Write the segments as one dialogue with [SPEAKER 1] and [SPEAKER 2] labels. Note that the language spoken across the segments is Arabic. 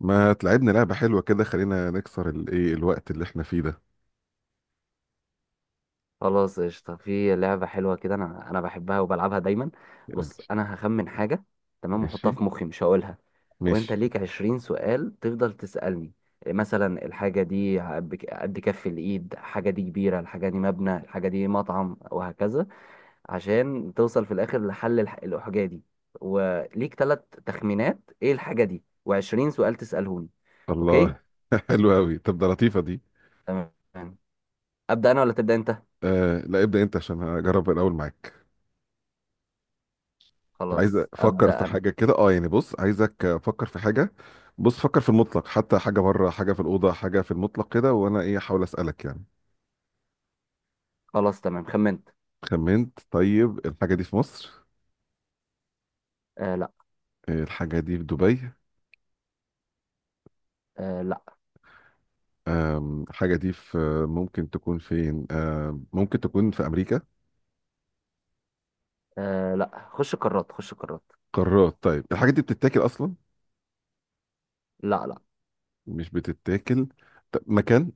[SPEAKER 1] ما تلعبنا لعبة حلوة كده، خلينا نكسر الوقت اللي احنا فيه ده.
[SPEAKER 2] خلاص قشطة في لعبة حلوة كده. أنا بحبها وبلعبها دايما. بص، أنا هخمن حاجة. تمام، وأحطها
[SPEAKER 1] ماشي.
[SPEAKER 2] في مخي مش هقولها. وأنت
[SPEAKER 1] ماشي.
[SPEAKER 2] ليك 20 سؤال تفضل تسألني. مثلا الحاجة دي قد كف الإيد، الحاجة دي كبيرة، الحاجة دي مبنى، الحاجة دي مطعم، وهكذا. عشان توصل في الآخر لحل الحاجة دي. وليك ثلاث تخمينات إيه الحاجة دي، و20 سؤال تسألهوني. أوكي.
[SPEAKER 1] الله. حلو قوي. طب ده لطيفة دي.
[SPEAKER 2] تمام، أبدأ أنا ولا تبدأ أنت؟
[SPEAKER 1] آه لا، ابدأ انت عشان هجرب الاول معاك. فعايز
[SPEAKER 2] خلاص
[SPEAKER 1] افكر في
[SPEAKER 2] أبدأ أنا.
[SPEAKER 1] حاجة كده، يعني بص، عايزك افكر في حاجة. بص، فكر في المطلق، حتى حاجة بره، حاجة في الأوضة، حاجة في المطلق كده، وانا احاول اسألك يعني.
[SPEAKER 2] خلاص، تمام، خمنت.
[SPEAKER 1] خمنت؟ طيب، الحاجة دي في مصر؟
[SPEAKER 2] آه، لا.
[SPEAKER 1] الحاجة دي في دبي؟
[SPEAKER 2] آه، لا.
[SPEAKER 1] الحاجة دي في... ممكن تكون فين؟ ممكن تكون في أمريكا؟
[SPEAKER 2] آه، لا، خش قارات، خش قارات.
[SPEAKER 1] قارات. طيب الحاجات دي بتتاكل اصلا؟
[SPEAKER 2] لا، لا.
[SPEAKER 1] مش بتتاكل. طب مكان.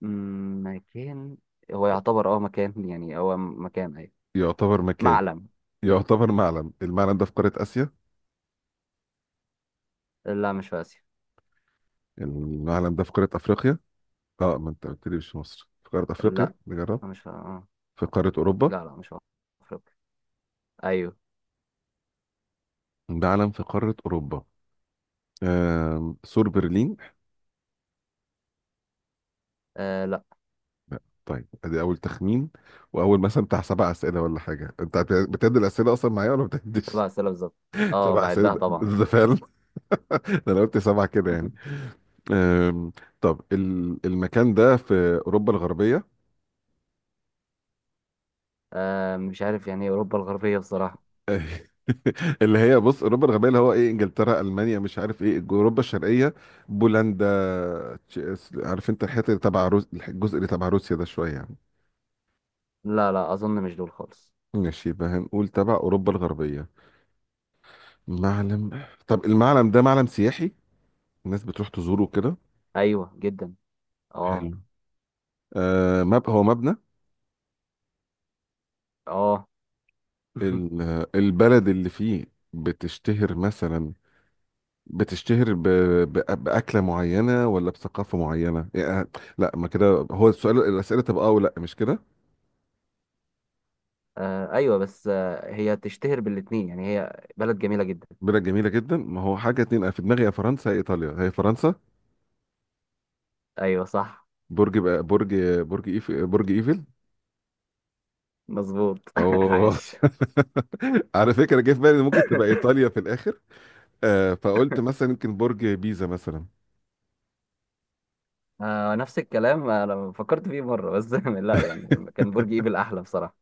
[SPEAKER 2] مكان. هو يعتبر مكان، يعني هو مكان، ايوه.
[SPEAKER 1] يعتبر مكان.
[SPEAKER 2] معلم.
[SPEAKER 1] يعتبر معلم. المعلم ده في قارة آسيا؟
[SPEAKER 2] لا، مش في اسيا.
[SPEAKER 1] المعلم ده في قارة أفريقيا؟ اه، ما انت قلت لي مش في مصر، في قارة أفريقيا
[SPEAKER 2] لا،
[SPEAKER 1] نجرب.
[SPEAKER 2] مش في
[SPEAKER 1] في قارة أوروبا؟
[SPEAKER 2] لا، لا، مش في افريقيا. ايوه.
[SPEAKER 1] معلم في قارة أوروبا. سور برلين؟
[SPEAKER 2] آه، لا.
[SPEAKER 1] طيب ادي اول تخمين. واول مثلا بتاع سبع اسئله ولا حاجه، انت بتعد الاسئله اصلا معايا ولا ما بتعدش؟
[SPEAKER 2] سبع اسئله بالظبط. اه،
[SPEAKER 1] سبع اسئله
[SPEAKER 2] بعدها
[SPEAKER 1] ده؟
[SPEAKER 2] طبعا.
[SPEAKER 1] ده فعلا. ده انا قلت سبعه كده يعني. أم، طب المكان ده في اوروبا الغربيه.
[SPEAKER 2] مش عارف يعني إيه اوروبا الغربيه بصراحه.
[SPEAKER 1] اللي هي بص اوروبا الغربيه اللي هو ايه انجلترا، المانيا، مش عارف ايه. اوروبا الشرقيه، بولندا. تش- عارف انت الحته اللي تبع روسيا ده شويه يعني.
[SPEAKER 2] لا، لا اظن مش دول خالص.
[SPEAKER 1] ماشي، يبقى هنقول تبع اوروبا الغربيه. معلم. طب المعلم ده معلم سياحي؟ الناس بتروح تزوره كده؟
[SPEAKER 2] ايوه، جدا. اه،
[SPEAKER 1] حلو. هو مبنى؟
[SPEAKER 2] اه.
[SPEAKER 1] البلد اللي فيه بتشتهر مثلا، بتشتهر بأكلة معينة ولا بثقافة معينة؟ يعني لا، ما كده. هو الأسئلة تبقى اه ولا مش كده؟
[SPEAKER 2] ايوه، بس هي تشتهر بالاتنين، يعني هي بلد جميله جدا.
[SPEAKER 1] بلا جميلة جدا، ما هو حاجة اتنين أنا في دماغي، يا فرنسا يا إيطاليا. هي فرنسا.
[SPEAKER 2] ايوه، صح.
[SPEAKER 1] برج بقى، برج. برج إيفل.
[SPEAKER 2] مظبوط.
[SPEAKER 1] أو.
[SPEAKER 2] عاش.
[SPEAKER 1] على فكرة جه في بالي إن ممكن تبقى إيطاليا في الآخر. آه، فقلت مثلا يمكن برج بيزا مثلا.
[SPEAKER 2] نفس الكلام. انا فكرت فيه مره بس لا، يعني كان برج ايفل احلى بصراحه.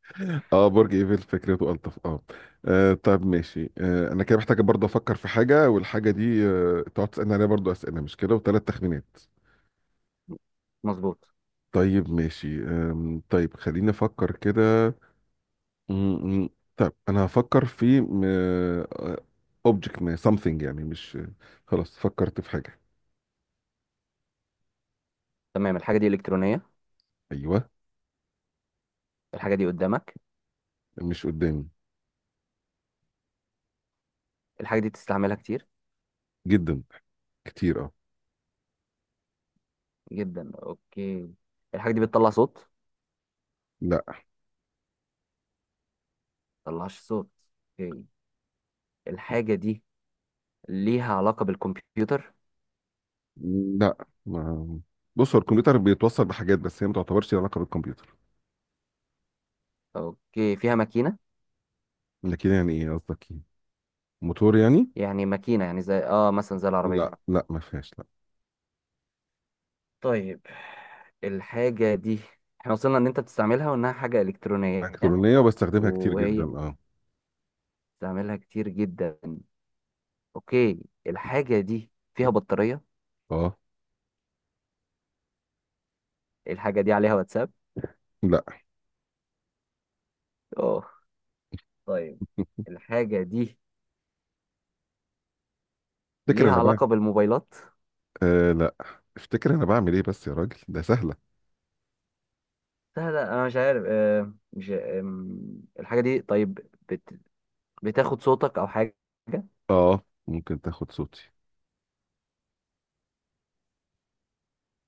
[SPEAKER 1] اه، برج ايفل فكرته الطف اه. طب ماشي. انا كده محتاج برضه افكر في حاجه، والحاجه دي تقعد تسالني عليها برضه اسئله مش كده، وثلاث تخمينات.
[SPEAKER 2] مظبوط.
[SPEAKER 1] طيب ماشي. طيب خليني افكر كده. م- م. طب انا هفكر في اوبجكت ما، something، يعني مش... خلاص، فكرت في حاجه.
[SPEAKER 2] تمام. الحاجه دي الكترونيه؟
[SPEAKER 1] ايوه.
[SPEAKER 2] الحاجه دي قدامك؟
[SPEAKER 1] مش قدامي.
[SPEAKER 2] الحاجه دي بتستعملها كتير
[SPEAKER 1] جدا. كتير اه.
[SPEAKER 2] جدا. اوكي. الحاجه دي بتطلع صوت؟
[SPEAKER 1] لا
[SPEAKER 2] طلعش صوت. اوكي. الحاجه دي ليها علاقه بالكمبيوتر؟
[SPEAKER 1] لا، ما بص، هو الكمبيوتر بيتوصل بحاجات، بس هي ما تعتبرش لها علاقه بالكمبيوتر.
[SPEAKER 2] اوكي، فيها ماكينه؟
[SPEAKER 1] لكن يعني ايه قصدك، موتور يعني؟
[SPEAKER 2] يعني ماكينه، يعني زي مثلا زي العربيه.
[SPEAKER 1] لا لا، ما فيهاش، لا.
[SPEAKER 2] طيب، الحاجة دي، احنا وصلنا ان انت بتستعملها وانها حاجة الكترونية
[SPEAKER 1] الكترونيه، وبستخدمها كتير جدا
[SPEAKER 2] وهي
[SPEAKER 1] اه.
[SPEAKER 2] استعملها كتير جدا. اوكي. الحاجة دي فيها بطارية؟
[SPEAKER 1] اه
[SPEAKER 2] الحاجة دي عليها واتساب؟
[SPEAKER 1] لا،
[SPEAKER 2] اوه، طيب. الحاجة دي
[SPEAKER 1] افتكر
[SPEAKER 2] ليها
[SPEAKER 1] انا بقى.
[SPEAKER 2] علاقة بالموبايلات؟
[SPEAKER 1] آه لا، افتكر انا بعمل ايه، بس يا راجل ده سهله.
[SPEAKER 2] لا، لا، انا مش عارف. مش الحاجة دي، طيب بت... بتاخد صوتك او حاجة؟
[SPEAKER 1] اه، ممكن تاخد صوتي.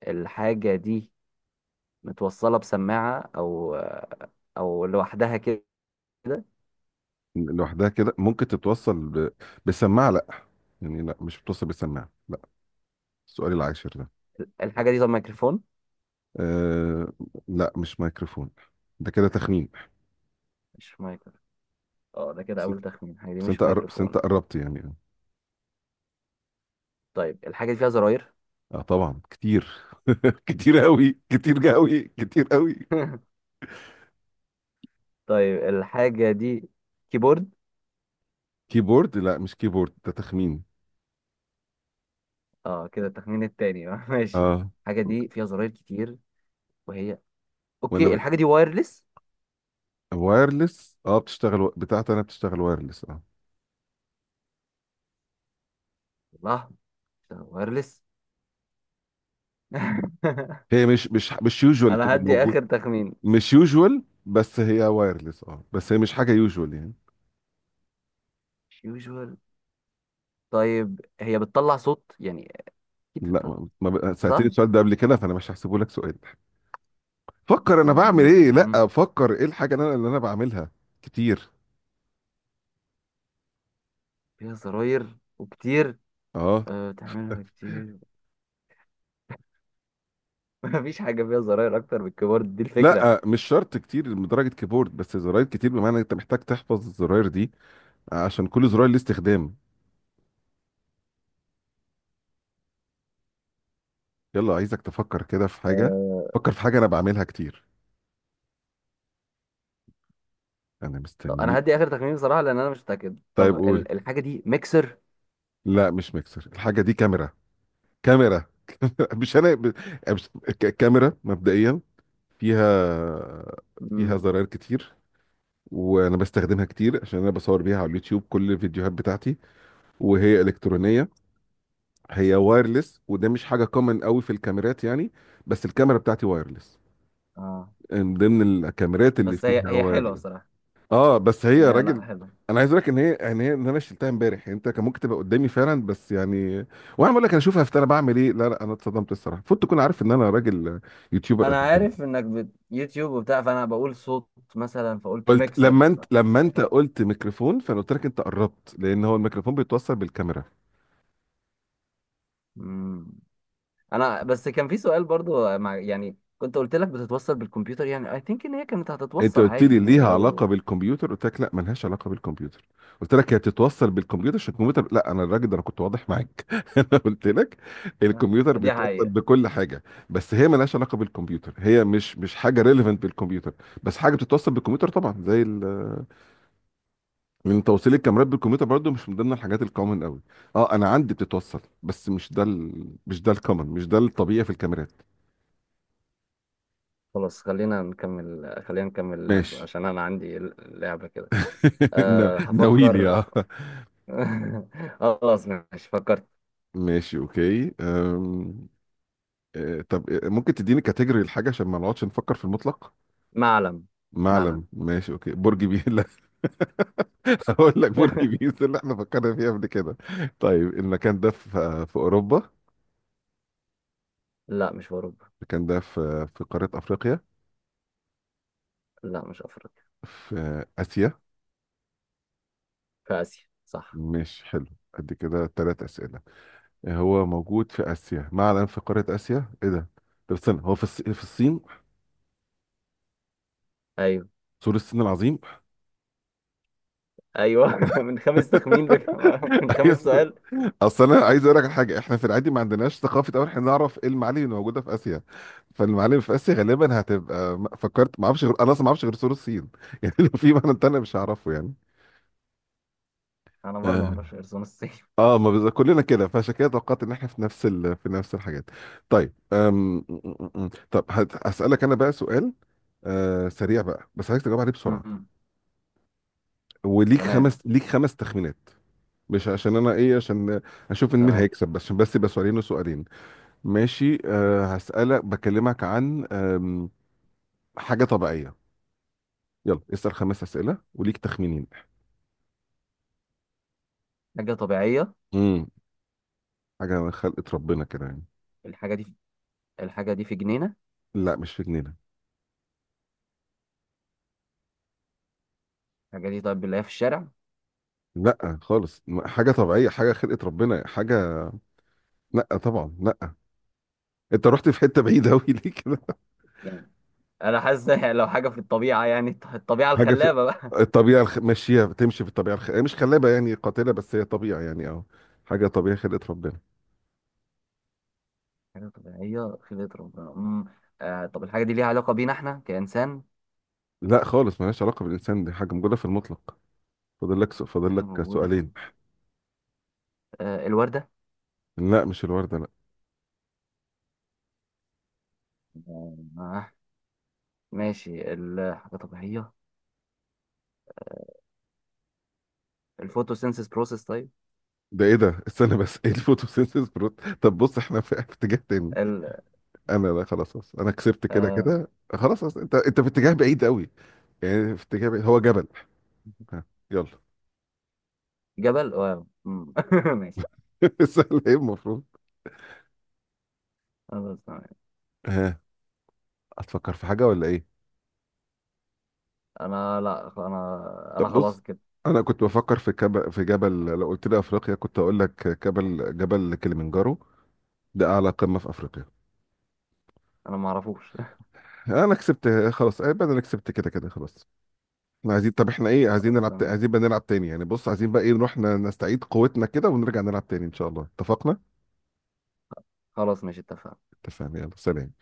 [SPEAKER 2] الحاجة دي متوصلة بسماعة، او لوحدها كده؟
[SPEAKER 1] لوحدها كده، ممكن تتوصل بسماعه؟ لا، يعني لا، مش بتوصل بسماعه، لا. السؤال العاشر ده.
[SPEAKER 2] الحاجة دي، طب ميكروفون؟
[SPEAKER 1] آه لا، مش ميكروفون. ده كده تخمين.
[SPEAKER 2] مش مايكروفون. اه، ده كده
[SPEAKER 1] بس.
[SPEAKER 2] اول تخمين، الحاجة دي مش
[SPEAKER 1] بس انت
[SPEAKER 2] مايكروفون.
[SPEAKER 1] قربت يعني.
[SPEAKER 2] طيب، الحاجة دي فيها زراير؟
[SPEAKER 1] اه طبعا كتير. كتير قوي، كتير قوي، كتير قوي.
[SPEAKER 2] طيب، الحاجة دي كيبورد؟
[SPEAKER 1] كيبورد؟ لا، مش كيبورد. ده تخمين.
[SPEAKER 2] اه، كده التخمين التاني. ماشي.
[SPEAKER 1] اه.
[SPEAKER 2] الحاجة دي فيها زراير كتير، وهي،
[SPEAKER 1] وانا
[SPEAKER 2] اوكي،
[SPEAKER 1] ب...
[SPEAKER 2] الحاجة دي وايرلس؟
[SPEAKER 1] وايرلس اه، بتشتغل بتاعتي انا بتشتغل وايرلس اه.
[SPEAKER 2] الله، وايرلس.
[SPEAKER 1] هي مش يوجوال
[SPEAKER 2] انا
[SPEAKER 1] تبقى
[SPEAKER 2] هدي
[SPEAKER 1] موجود.
[SPEAKER 2] اخر تخمين.
[SPEAKER 1] مش يوجوال، بس هي وايرلس اه، بس هي مش حاجه يوجوال يعني.
[SPEAKER 2] يوجوال؟ طيب هي بتطلع صوت، يعني اكيد
[SPEAKER 1] لا،
[SPEAKER 2] بتطلع،
[SPEAKER 1] ما ما ب-
[SPEAKER 2] صح.
[SPEAKER 1] سألتني السؤال ده قبل كده، فانا مش هحسبه لك سؤال. فكر انا بعمل ايه،
[SPEAKER 2] أمم،
[SPEAKER 1] لا فكر ايه الحاجه اللي انا بعملها كتير
[SPEAKER 2] فيها زراير وكتير.
[SPEAKER 1] اه.
[SPEAKER 2] بتعملها كتير. مفيش حاجة فيها زراير اكتر من الكيبورد، دي الفكرة.
[SPEAKER 1] لا، مش شرط كتير لدرجه كيبورد، بس زراير كتير بمعنى انت محتاج تحفظ الزراير دي عشان كل زرار ليه استخدام. يلا، عايزك تفكر كده في حاجة.
[SPEAKER 2] أه
[SPEAKER 1] فكر في حاجة أنا بعملها كتير. أنا
[SPEAKER 2] طب انا
[SPEAKER 1] مستنيك.
[SPEAKER 2] هدي اخر تخمين بصراحة، لان انا مش متأكد.
[SPEAKER 1] طيب
[SPEAKER 2] طب
[SPEAKER 1] قول.
[SPEAKER 2] الحاجة دي ميكسر؟
[SPEAKER 1] لا، مش ميكسر. الحاجة دي كاميرا. كاميرا. مش أنا ب- مش... ك- كاميرا مبدئيا. فيها... فيها
[SPEAKER 2] امم
[SPEAKER 1] زراير كتير، وأنا بستخدمها كتير عشان أنا بصور بيها على اليوتيوب كل الفيديوهات بتاعتي. وهي إلكترونية. هي وايرلس، وده مش حاجة كومن قوي في الكاميرات يعني. بس الكاميرا بتاعتي وايرلس،
[SPEAKER 2] اه
[SPEAKER 1] من ضمن الكاميرات اللي
[SPEAKER 2] بس هي
[SPEAKER 1] فيها
[SPEAKER 2] هي حلوه
[SPEAKER 1] وايرلس.
[SPEAKER 2] صراحه.
[SPEAKER 1] اه، بس هي
[SPEAKER 2] هي، لا،
[SPEAKER 1] راجل،
[SPEAKER 2] حلوه.
[SPEAKER 1] انا عايز اقول لك ان انا شلتها امبارح يعني، انت كان ممكن تبقى قدامي فعلا، بس يعني. وانا بقول لك انا اشوفها في انا بعمل ايه. لا لا، انا اتصدمت الصراحه، فوت تكون عارف ان انا راجل يوتيوبر قد
[SPEAKER 2] انا عارف
[SPEAKER 1] الدنيا.
[SPEAKER 2] انك يوتيوب وبتاع، فانا بقول صوت مثلا، فقلت
[SPEAKER 1] قلت
[SPEAKER 2] ميكسر.
[SPEAKER 1] لما انت قلت ميكروفون، فانا قلت لك انت قربت لان هو الميكروفون بيتوصل بالكاميرا.
[SPEAKER 2] مم. انا، بس كان في سؤال برضو، مع يعني كنت قلت لك بتتوصل بالكمبيوتر، يعني اي ثينك ان هي كانت
[SPEAKER 1] انت
[SPEAKER 2] هتتوصل
[SPEAKER 1] قلت
[SPEAKER 2] عادي
[SPEAKER 1] لي
[SPEAKER 2] يعني
[SPEAKER 1] ليها علاقه
[SPEAKER 2] لو.
[SPEAKER 1] بالكمبيوتر، قلت لك لا، ملهاش علاقه بالكمبيوتر. قلت لك هي بتتوصل بالكمبيوتر عشان الكمبيوتر، لا انا الراجل ده انا كنت واضح معاك. انا قلت لك الكمبيوتر
[SPEAKER 2] دي
[SPEAKER 1] بيتوصل
[SPEAKER 2] حقيقة.
[SPEAKER 1] بكل حاجه، بس هي ملهاش علاقه بالكمبيوتر. هي مش حاجه ريليفنت بالكمبيوتر، بس حاجه بتتوصل بالكمبيوتر طبعا زي. لان توصيل الكاميرات بالكمبيوتر برضو مش من ضمن الحاجات الكومن قوي. اه، انا عندي بتتوصل، بس مش ده مش ده الكومن، مش ده الطبيعي في الكاميرات.
[SPEAKER 2] خلاص، خلينا نكمل اللعب
[SPEAKER 1] ماشي.
[SPEAKER 2] عشان انا عندي لعبة كده.
[SPEAKER 1] ناويلي
[SPEAKER 2] هفكر.
[SPEAKER 1] اه.
[SPEAKER 2] خلاص ماشي، فكرت.
[SPEAKER 1] ماشي اوكي. طب. ممكن تديني كاتيجوري الحاجة عشان ما نقعدش نفكر في المطلق.
[SPEAKER 2] معلم. معلم.
[SPEAKER 1] معلم. ماشي اوكي. برج بيزا. هقول لك برج بيزا اللي احنا فكرنا فيها قبل كده. طيب المكان ده في في اوروبا؟
[SPEAKER 2] لا، مش في اوروبا.
[SPEAKER 1] المكان ده في قارة افريقيا؟
[SPEAKER 2] لا، مش افريقيا.
[SPEAKER 1] في اسيا؟
[SPEAKER 2] في آسيا، صح.
[SPEAKER 1] ماشي حلو. قد كده ثلاث اسئلة. هو موجود في اسيا، معلم في قارة اسيا، ايه ده. طب استنى، هو في في الصين؟
[SPEAKER 2] أيوه.
[SPEAKER 1] سور الصين العظيم.
[SPEAKER 2] أيوه. من خمس تخمين، من خمس
[SPEAKER 1] ايوه.
[SPEAKER 2] سؤال.
[SPEAKER 1] اصل انا عايز اقول لك على حاجه، احنا في العادي ما عندناش ثقافه اول، احنا نعرف ايه المعالم اللي موجوده في اسيا. فالمعالم في اسيا غالبا هتبقى فكرت، ما اعرفش غير، انا اصلا ما اعرفش غير سور الصين. يعني لو في معلم تاني مش هعرفه يعني.
[SPEAKER 2] أنا برضه ما
[SPEAKER 1] آه.
[SPEAKER 2] أعرفش غير صون الصين.
[SPEAKER 1] اه، ما بز... كلنا كده، فعشان كده توقعت ان احنا في نفس في نفس الحاجات. طيب. أم... م- م- م. طب هسألك انا بقى سؤال. آه، سريع بقى، بس عايز تجاوب عليه بسرعه.
[SPEAKER 2] أمم.
[SPEAKER 1] وليك
[SPEAKER 2] تمام.
[SPEAKER 1] خمس تخمينات. مش عشان انا ايه، عشان اشوف إن مين
[SPEAKER 2] تمام.
[SPEAKER 1] هيكسب، بس عشان بس يبقى سؤالين وسؤالين. ماشي. هسألك، بكلمك عن حاجة طبيعية. يلا اسأل خمس أسئلة وليك تخمينين.
[SPEAKER 2] حاجة طبيعية؟
[SPEAKER 1] امم. حاجة من خلقة ربنا كده يعني.
[SPEAKER 2] الحاجة دي، الحاجة دي في جنينة؟
[SPEAKER 1] لا، مش في جنينة.
[SPEAKER 2] الحاجة دي، طيب بنلاقيها في الشارع؟
[SPEAKER 1] لا خالص، حاجة طبيعية، حاجة خلقة ربنا، حاجة. لا طبعا لا. انت رحت في حتة بعيدة أوي. ليه كده.
[SPEAKER 2] يعني أنا حاسس إن لو حاجة في الطبيعة، يعني الطبيعة
[SPEAKER 1] حاجة في
[SPEAKER 2] الخلابة بقى.
[SPEAKER 1] الطبيعة ماشية، تمشي في الطبيعة مش خلابة يعني قاتلة، بس هي طبيعة يعني. أو حاجة طبيعية خلقة ربنا.
[SPEAKER 2] حاجة طبيعية، خلقة ربنا. أمم. طب الحاجة دي ليها علاقة بينا إحنا كإنسان؟
[SPEAKER 1] لا خالص، ملهاش علاقة بالإنسان، دي حاجة موجودة في المطلق. فاضل
[SPEAKER 2] حاجة
[SPEAKER 1] لك
[SPEAKER 2] موجودة في
[SPEAKER 1] سؤالين.
[SPEAKER 2] الوردة؟
[SPEAKER 1] لا، مش الوردة، لا.
[SPEAKER 2] آه ماشي. الحاجة طبيعية، الفوتوسينسيس بروسيس؟ طيب
[SPEAKER 1] ده ايه ده؟ استنى بس، ايه الفوتوسينثيز بروت؟ طب بص احنا في اتجاه تاني.
[SPEAKER 2] ال...
[SPEAKER 1] انا لا، خلاص خلاص، انا كسبت كده
[SPEAKER 2] آه
[SPEAKER 1] كده خلاص. أصل انت، في اتجاه بعيد قوي. يعني في اتجاه بعيد. هو جبل. ها. يلا.
[SPEAKER 2] جبل، واو. ماشي.
[SPEAKER 1] سهل ايه المفروض.
[SPEAKER 2] خلاص، تمام.
[SPEAKER 1] ها. هتفكر في حاجه ولا ايه؟
[SPEAKER 2] انا، لا، انا
[SPEAKER 1] طب بص،
[SPEAKER 2] خلاص كده.
[SPEAKER 1] انا كنت بفكر في في جبل، لو قلت لي افريقيا كنت اقول لك جبل، جبل كليمنجارو. ده اعلى قمه في افريقيا.
[SPEAKER 2] انا ما اعرفوش.
[SPEAKER 1] انا كسبت خلاص، انا كسبت كده كده خلاص. احنا عايزين طب احنا ايه
[SPEAKER 2] خلاص، تمام.
[SPEAKER 1] عايزين بقى نلعب تاني يعني. بص عايزين بقى ايه، نروح نستعيد قوتنا كده، ونرجع نلعب تاني ان شاء الله. اتفقنا؟
[SPEAKER 2] خلاص ماشي، اتفقنا.
[SPEAKER 1] اتفقنا يلا سلام.